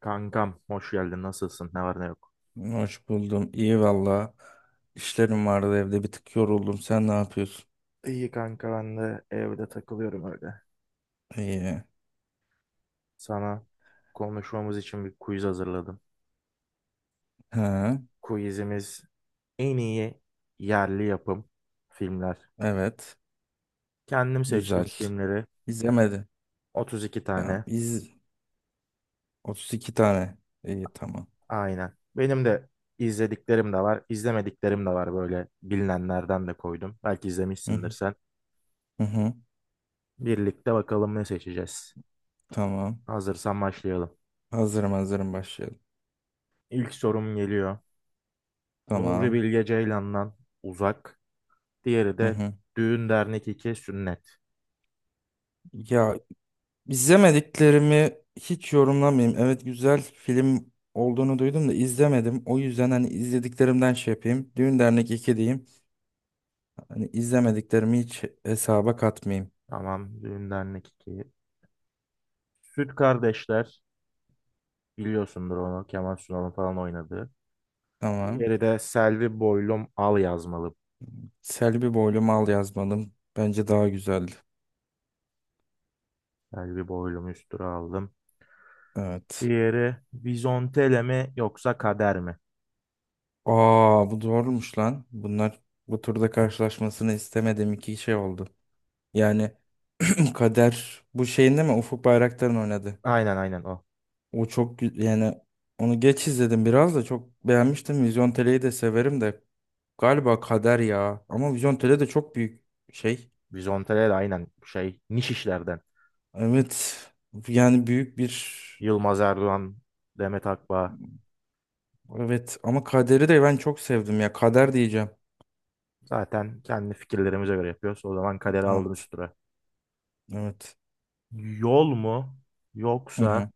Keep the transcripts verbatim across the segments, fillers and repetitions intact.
Kankam, hoş geldin. Nasılsın, ne var ne yok? Hoş buldum. İyi valla. İşlerim vardı, evde bir tık yoruldum. Sen ne yapıyorsun? İyi kanka, ben de evde takılıyorum öyle. İyi. Sana konuşmamız için bir quiz hazırladım. Ha, Quizimiz en iyi yerli yapım filmler. evet. Kendim seçtim Güzel. filmleri İzlemedi. otuz iki Tamam. tane. İz otuz iki tane. İyi, tamam. Aynen. Benim de izlediklerim de var, izlemediklerim de var, böyle bilinenlerden de koydum. Belki Hı izlemişsindir hı. sen. Hı hı. Birlikte bakalım ne seçeceğiz. Tamam. Hazırsan başlayalım. Hazırım, hazırım başlayalım. İlk sorum geliyor. Nuri Tamam. Bilge Ceylan'dan Uzak. Diğeri Hı de hı. düğün dernek iki sünnet. Ya, izlemediklerimi hiç yorumlamayayım. Evet, güzel film olduğunu duydum da izlemedim. O yüzden hani izlediklerimden şey yapayım. Düğün Dernek iki diyeyim. Hani izlemediklerimi hiç hesaba katmayayım. Tamam, düğün dernek iki. Süt Kardeşler, biliyorsundur onu, Kemal Sunal'ın falan oynadığı. Tamam. Diğeri de Selvi Boylum Al yazmalı. Selvi boylu mal yazmadım. Bence daha güzeldi. Selvi Boylum üstüne aldım. Evet. Diğeri Vizontele mi yoksa Kader mi? Aa, bu doğruymuş lan. Bunlar bu turda karşılaşmasını istemediğim iki şey oldu. Yani Kader bu şeyinde mi Ufuk Bayraktar'ın oynadı. Aynen aynen o. O çok gü- yani onu geç izledim, biraz da çok beğenmiştim. Vizyon Tele'yi de severim de galiba Kader ya. Ama Vizyon Tele de çok büyük şey. Vizontele de aynen şey, niş işlerden. Evet. Yani büyük bir. Yılmaz Erdoğan, Demet Akbağ. Evet, ama Kader'i de ben çok sevdim ya. Kader diyeceğim. Zaten kendi fikirlerimize göre yapıyoruz. O zaman Kader'i aldım Evet. üstüne. Evet. Yol mu Hı yoksa hı.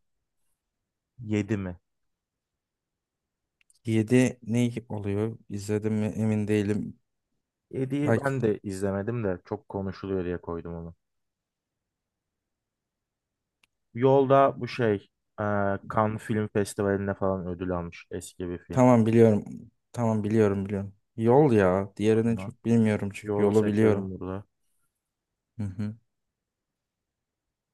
yedi mi? Yedi ne oluyor? İzledim mi emin değilim. yediyi Bak, ben de izlemedim de çok konuşuluyor diye koydum onu. Yolda bu şey e, Cannes Film Festivali'nde falan ödül almış eski bir film. tamam biliyorum. Tamam, biliyorum biliyorum. Yol ya. O Diğerini zaman çok bilmiyorum çünkü Yol'u yolu seçelim biliyorum. burada. Hı hı.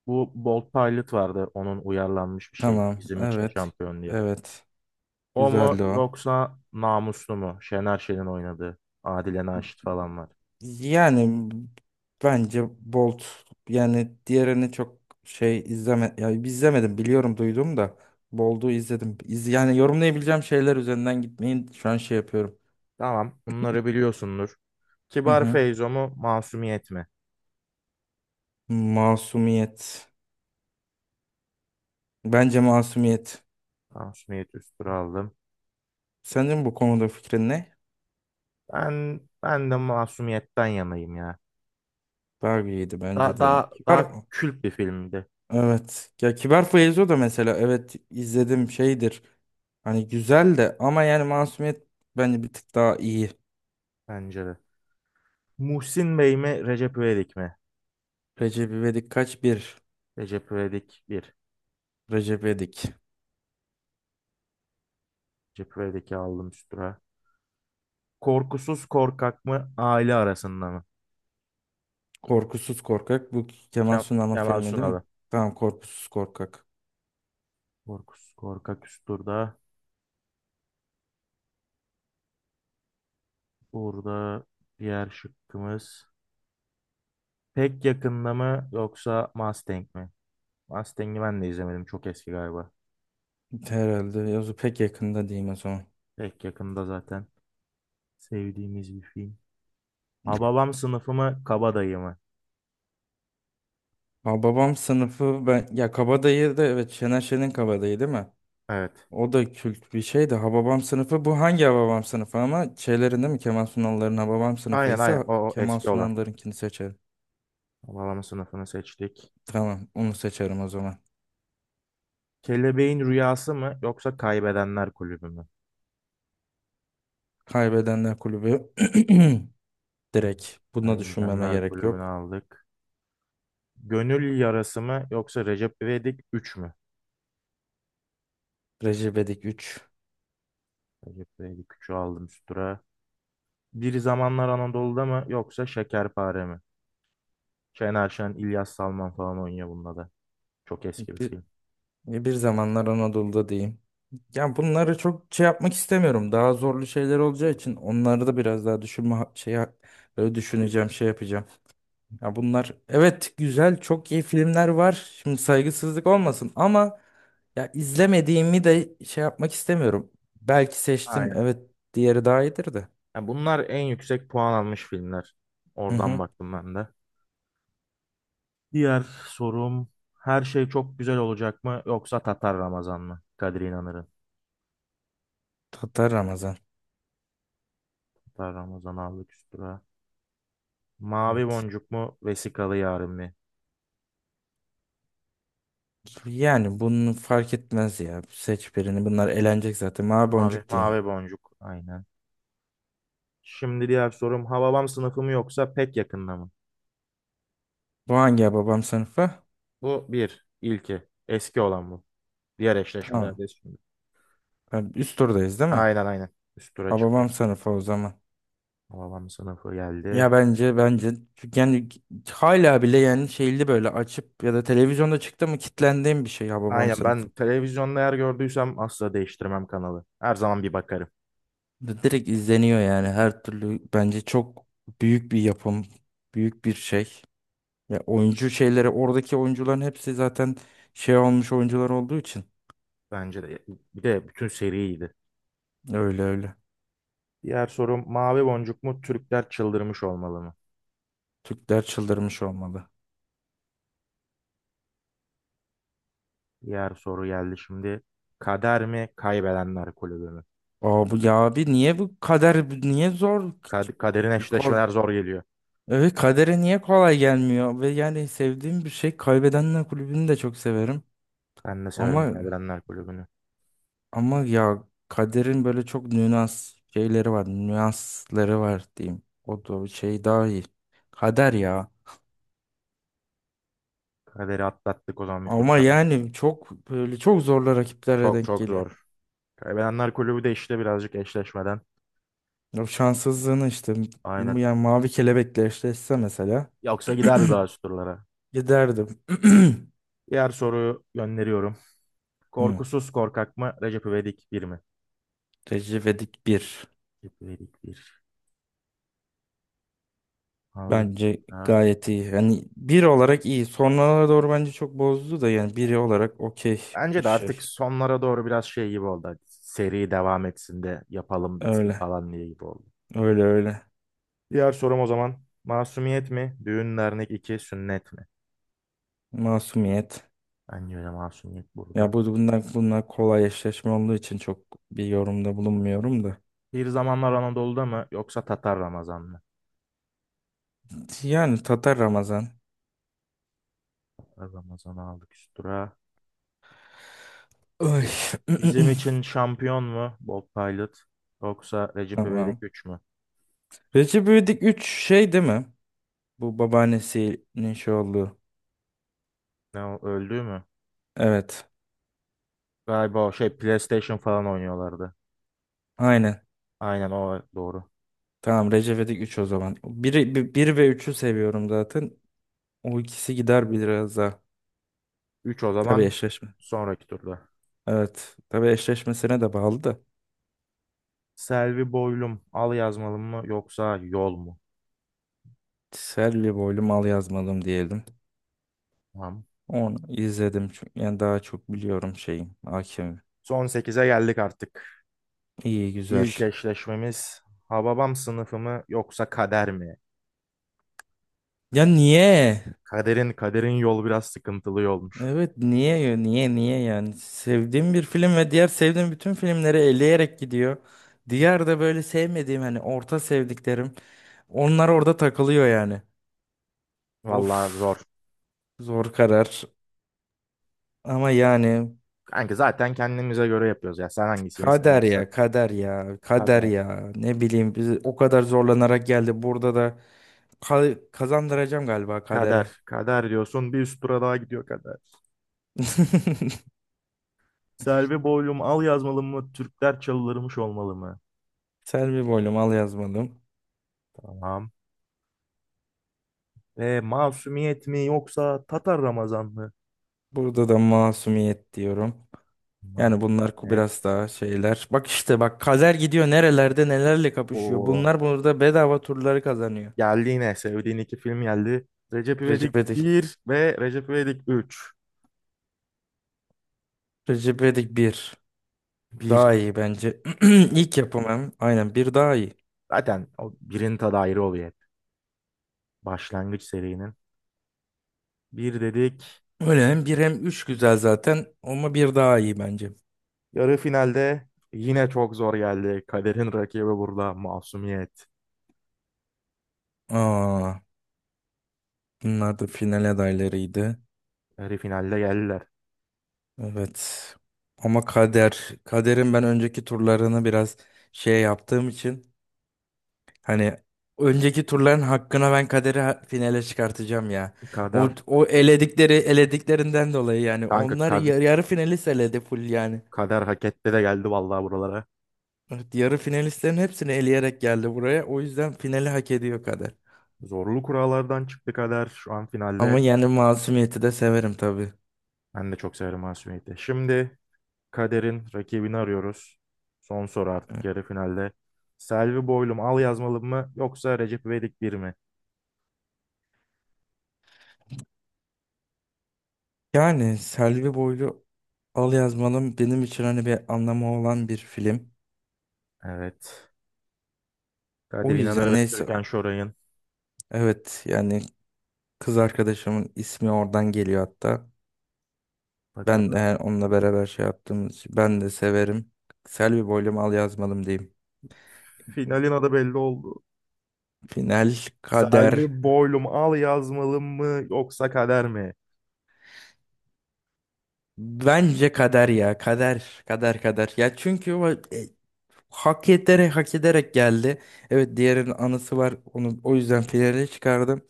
Bu Bold Pilot vardı, onun uyarlanmış bir şey Tamam. bizim için Evet. şampiyon diye. Evet. O mu Güzeldi o. yoksa Namuslu mu? Şener Şen'in oynadığı, Adile Naşit falan var. Yani bence Bolt, yani diğerini çok şey izleme. Yani izlemedim, biliyorum, duydum da Bolt'u izledim. İz, yani yorumlayabileceğim şeyler üzerinden gitmeyin, şu an şey yapıyorum. Tamam, bunları biliyorsundur. Hı Kibar hı. Feyzo mu Masumiyet mi? Masumiyet. Bence masumiyet. Masumiyet üstüne aldım. Senin bu konuda fikrin ne? Ben, ben de Masumiyet'ten yanayım ya. Barbie'ydi bence Daha, de, yani. daha, Kibar daha mı? kült bir filmdi Evet. Ya Kibar Feyzo da mesela, evet izledim, şeydir. Hani güzel de, ama yani masumiyet bence bir tık daha iyi. bence de. Muhsin Bey mi Recep İvedik mi? Recep İvedik kaç bir? Recep İvedik bir. Recep İvedik. Recep İvedik'i aldım üstüne. Korkusuz Korkak mı Aile Arasında mı? Korkusuz Korkak. Bu Kemal Kem Sunal'ın Kemal filmi değil mi? Sunal'ı. Tamam, Korkusuz Korkak. Korkusuz Korkak üst turda. Burada diğer şıkkımız. Pek yakında mı yoksa Mustang mi? Mustang'i ben de izlemedim. Çok eski galiba. Herhalde. Yazı pek yakında diyeyim o zaman. Pek yakında zaten sevdiğimiz bir film. Hababam sınıfı mı Kabadayı mı? Ha, babam sınıfı ben ya, Kabadayı da evet Şener Şen'in, Kabadayı değil mi? Evet. O da kült bir şey de, Hababam sınıfı bu hangi Hababam sınıfı ama, şeylerinde mi Kemal Sunal'ların Hababam sınıfı Aynen aynen ise o, o Kemal eski olan. Sunal'larınkini seçerim. Alabama sınıfını seçtik. Tamam, onu seçerim o zaman. Kelebeğin Rüyası mı yoksa Kaybedenler Kulübü mü? Kaybedenler Kulübü. Direkt bunu düşünmeme Kaybedenler gerek Kulübü'nü yok. aldık. Gönül Yarası mı yoksa Recep İvedik üç mü? Recep İvedik üç Recep İvedik üçü aldım üst tura. Bir Zamanlar Anadolu'da mı yoksa Şekerpare mi? Şener Şen, İlyas Salman falan oynuyor bunda da. Çok eski bir bir, film. bir zamanlar Anadolu'da diyeyim. Ya, bunları çok şey yapmak istemiyorum. Daha zorlu şeyler olacağı için onları da biraz daha düşünme ha- şey ha- böyle düşüneceğim şey yapacağım. Ya, bunlar evet güzel, çok iyi filmler var. Şimdi saygısızlık olmasın ama ya, izlemediğimi de şey yapmak istemiyorum. Belki seçtim, Aynen. evet diğeri daha iyidir de. Ya bunlar en yüksek puan almış filmler. Hı Oradan hı. baktım ben de. Diğer sorum, her şey çok güzel olacak mı yoksa Tatar Ramazan mı? Kadir İnanır'ın. Tatar Ramazan. Hatta Ramazan aldık üstüne. Mavi Evet. boncuk mu? Vesikalı yarın mı? Yani bunu fark etmez ya. Seç birini. Bunlar eğlenecek zaten. Mavi Mavi, boncuk diyeyim. mavi boncuk. Aynen. Şimdi diğer sorum. Hababam sınıfı mı yoksa pek yakında mı? Bu hangi Hababam sınıfı? Bu bir, ilki. Eski olan bu. Diğer Tamam. eşleşmelerde şimdi. Yani üst turdayız değil mi? Aynen aynen. Üst tura Hababam çıktık. sınıfı o zaman. Hababam sınıfı geldi. Ya bence, bence çünkü yani, hala bile yani şeyli böyle açıp ya da televizyonda çıktı mı kitlendiğim bir şey ya, babam Aynen, ben sınıfı. televizyonda eğer gördüysem asla değiştirmem kanalı. Her zaman bir bakarım. D- Direkt izleniyor yani, her türlü bence çok büyük bir yapım, büyük bir şey. Ya oyuncu şeyleri, oradaki oyuncuların hepsi zaten şey olmuş oyuncular olduğu için Bence de. Bir de bütün seriydi. öyle öyle. Diğer sorum, mavi boncuk mu Türkler çıldırmış olmalı mı? Türkler çıldırmış olmalı. Diğer soru geldi şimdi. Kader mi kaybedenler kulübü mü? Aa, bu ya abi, niye bu kader niye zor? Kad- kaderin eşleşmeler zor geliyor. Evet, kadere niye kolay gelmiyor ve yani sevdiğim bir şey, Kaybedenler Kulübü'nü de çok severim Ben de severim ama kaybedenler kulübünü. ama ya kaderin böyle çok nüans şeyleri var, nüansları var diyeyim, o da şey daha iyi, kader ya, Kaderi atlattık o zaman bir tur ama daha. yani çok böyle çok zorlu rakiplerle Çok denk çok geliyor, zor. Kaybedenler kulübü de işte birazcık eşleşmeden. o şanssızlığını işte, Aynen. yani Mavi Kelebek'le eşleşse mesela Yoksa giderdi daha üst turlara. giderdim. Diğer soruyu gönderiyorum. Hı. Korkusuz korkak mı? Recep İvedik bir mi? Recep İvedik bir. Recep İvedik bir. Aldık. Bence Ha. gayet iyi. Yani bir olarak iyi. Sonralara doğru bence çok bozdu da, yani biri olarak okey bir Bence de şey. artık sonlara doğru biraz şey gibi oldu. Hadi seri devam etsin de yapalım bitsin Öyle. falan diye gibi oldu. Öyle öyle. Diğer sorum o zaman. Masumiyet mi? Düğün dernek iki sünnet mi? Masumiyet. Bence de masumiyet Ya burada. bu bundan, bunlar kolay eşleşme olduğu için çok bir yorumda bulunmuyorum da. Bir zamanlar Anadolu'da mı yoksa Tatar Ramazan mı? Yani Tatar Ramazan. Tatar Ramazan'ı aldık üstüra. Ay. Bi- Bizim için şampiyon mu? Bob Pilot yoksa Recep İvedik Tamam. üç mü? Recep İvedik üç şey değil mi? Bu babaannesinin şey olduğu. Ne o, öldü mü? Evet. Galiba o şey PlayStation falan oynuyorlardı. Aynen. Aynen o doğru. Tamam, Recep İvedik üç o zaman. Biri, bir, ve üçü seviyorum zaten. O ikisi gider biraz daha. Üç o Tabii zaman eşleşme. sonraki turda. Evet. Tabii, eşleşmesine de bağlı da. Selvi Boylum al yazmalım mı yoksa yol mu? Selvi boylu mal yazmadım diyelim. Tamam. Onu izledim çünkü yani daha çok biliyorum şeyim. Hakim. Son sekize geldik artık. İyi, güzel. İlk eşleşmemiz Hababam sınıfı mı yoksa kader mi? Ya niye? Kaderin kaderin yol biraz sıkıntılı yolmuş. Evet, niye ya? Niye niye yani sevdiğim bir film ve diğer sevdiğim bütün filmleri eleyerek gidiyor. Diğer de böyle sevmediğim, hani orta sevdiklerim, onlar orada takılıyor yani. Vallahi Of, zor. zor karar ama yani. Kanka zaten kendimize göre yapıyoruz ya. Sen hangisini Kader seversen. ya, kader ya, kader Kader. ya. Ne bileyim, biz o kadar zorlanarak geldi. Burada da ka- kazandıracağım galiba kadere. Kader. Kader diyorsun. Bir üst tura daha gidiyor kader. Selvi Boylum al yazmalı mı? Türkler çalılırmış olmalı mı? Selvi boylum al yazmadım. Tamam. E, Masumiyet mi yoksa Tatar Ramazan mı? Burada da masumiyet diyorum. Yani bunlar ku- Masumiyet. biraz daha şeyler. Bak işte bak, kader gidiyor nerelerde nelerle kapışıyor. O Bunlar burada bedava turları kazanıyor. geldi yine. Sevdiğin iki film geldi. Recep Recep İvedik Edik. bir ve Recep İvedik üç. Recep Edik bir. Bir, Daha iyi bence. İlk yapımım. Aynen, bir daha iyi. zaten o birinin tadı ayrı oluyor hep. Başlangıç serinin. Bir dedik. Öyle, hem bir hem üç güzel zaten ama bir daha iyi bence. Yarı finalde yine çok zor geldi. Kader'in rakibi burada Masumiyet. Aa, bunlar da final adaylarıydı. Yarı finalde geldiler. Evet. Ama kader, kaderin ben önceki turlarını biraz şey yaptığım için hani, önceki turların hakkına ben kaderi ha- finale çıkartacağım ya. O Kader o eledikleri elediklerinden dolayı yani, kanka, onlar Kader, yar- yarı finalist eledi full yani. Kader hak etti de geldi vallahi buralara. Evet, yarı finalistlerin hepsini eleyerek geldi buraya. O yüzden finali hak ediyor kader. Zorlu kurallardan çıktı Kader. Şu an finalde, Ama yani masumiyeti de severim tabii. ben de çok severim Masumiyet'i. Şimdi Kader'in rakibini arıyoruz. Son soru artık Evet. yarı finalde. Selvi Boylum al yazmalı mı yoksa Recep İvedik bir mi? Yani Selvi Boylu Al Yazmalım benim için hani bir anlamı olan bir film. Evet. O Kadir İnanır yüzden ve neyse. Türkan Şoray'ın. Evet yani, kız arkadaşımın ismi oradan geliyor hatta. Ben Bakalım. eğer onunla beraber şey yaptığımız, ben de severim. Selvi Boylum Al Yazmalım diyeyim. Finalin adı belli oldu. Final, kader. Selvi Boylum al yazmalı mı yoksa kader mi? Bence kader ya. Kader. Kader kader. Ya çünkü o e, hak ederek hak ederek geldi. Evet, diğerinin anısı var. Onu o yüzden finale çıkardım.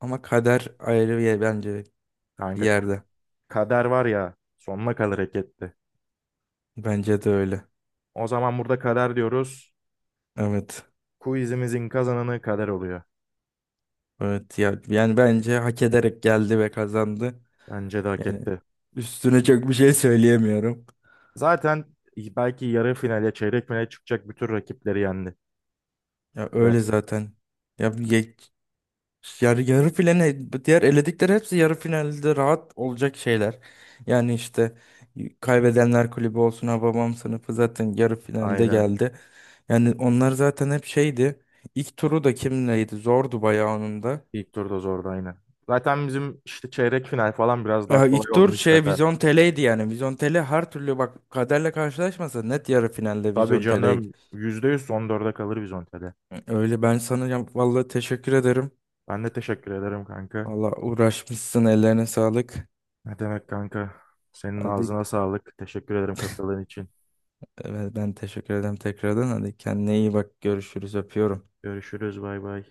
Ama kader ayrı bir yer bence, bir Kanka, k- yerde. kader var ya sonuna kalır, hak etti. Bence de öyle. O zaman burada kader diyoruz. Evet. Quizimizin kazananı kader oluyor. Evet ya, yani bence hak ederek geldi ve kazandı. Bence de hak Yani etti. üstüne çok bir şey söyleyemiyorum. Zaten belki yarı finale, çeyrek finale çıkacak bütün rakipleri yendi. Ya Kader. öyle zaten. Ya, yani yarı finale diğer eledikleri hepsi yarı finalde rahat olacak şeyler. Yani işte, kaybedenler kulübü olsun, Hababam sınıfı zaten yarı finalde Aynen. geldi. Yani onlar zaten hep şeydi. İlk turu da kimleydi? Zordu bayağı onun da. İlk turda zordu aynen. Zaten bizim işte çeyrek final falan biraz daha Ya kolay ilk oldu tur şey nispeten. Vizyon Tele'ydi yani. Vizyon Tele her türlü, bak, kaderle karşılaşmasa net yarı finalde Tabii Vizyon Tele'ydi. canım yüzde yüz son dörde kalır biz Ontel'e. Öyle, ben sana ya- vallahi teşekkür ederim. Ben de teşekkür ederim kanka. Vallahi uğraşmışsın, ellerine sağlık. Ne demek kanka? Senin Hadi, ağzına sağlık. Teşekkür ederim katıldığın için. evet, ben teşekkür ederim tekrardan. Hadi kendine iyi bak. Görüşürüz. Öpüyorum. Görüşürüz. Bay bay.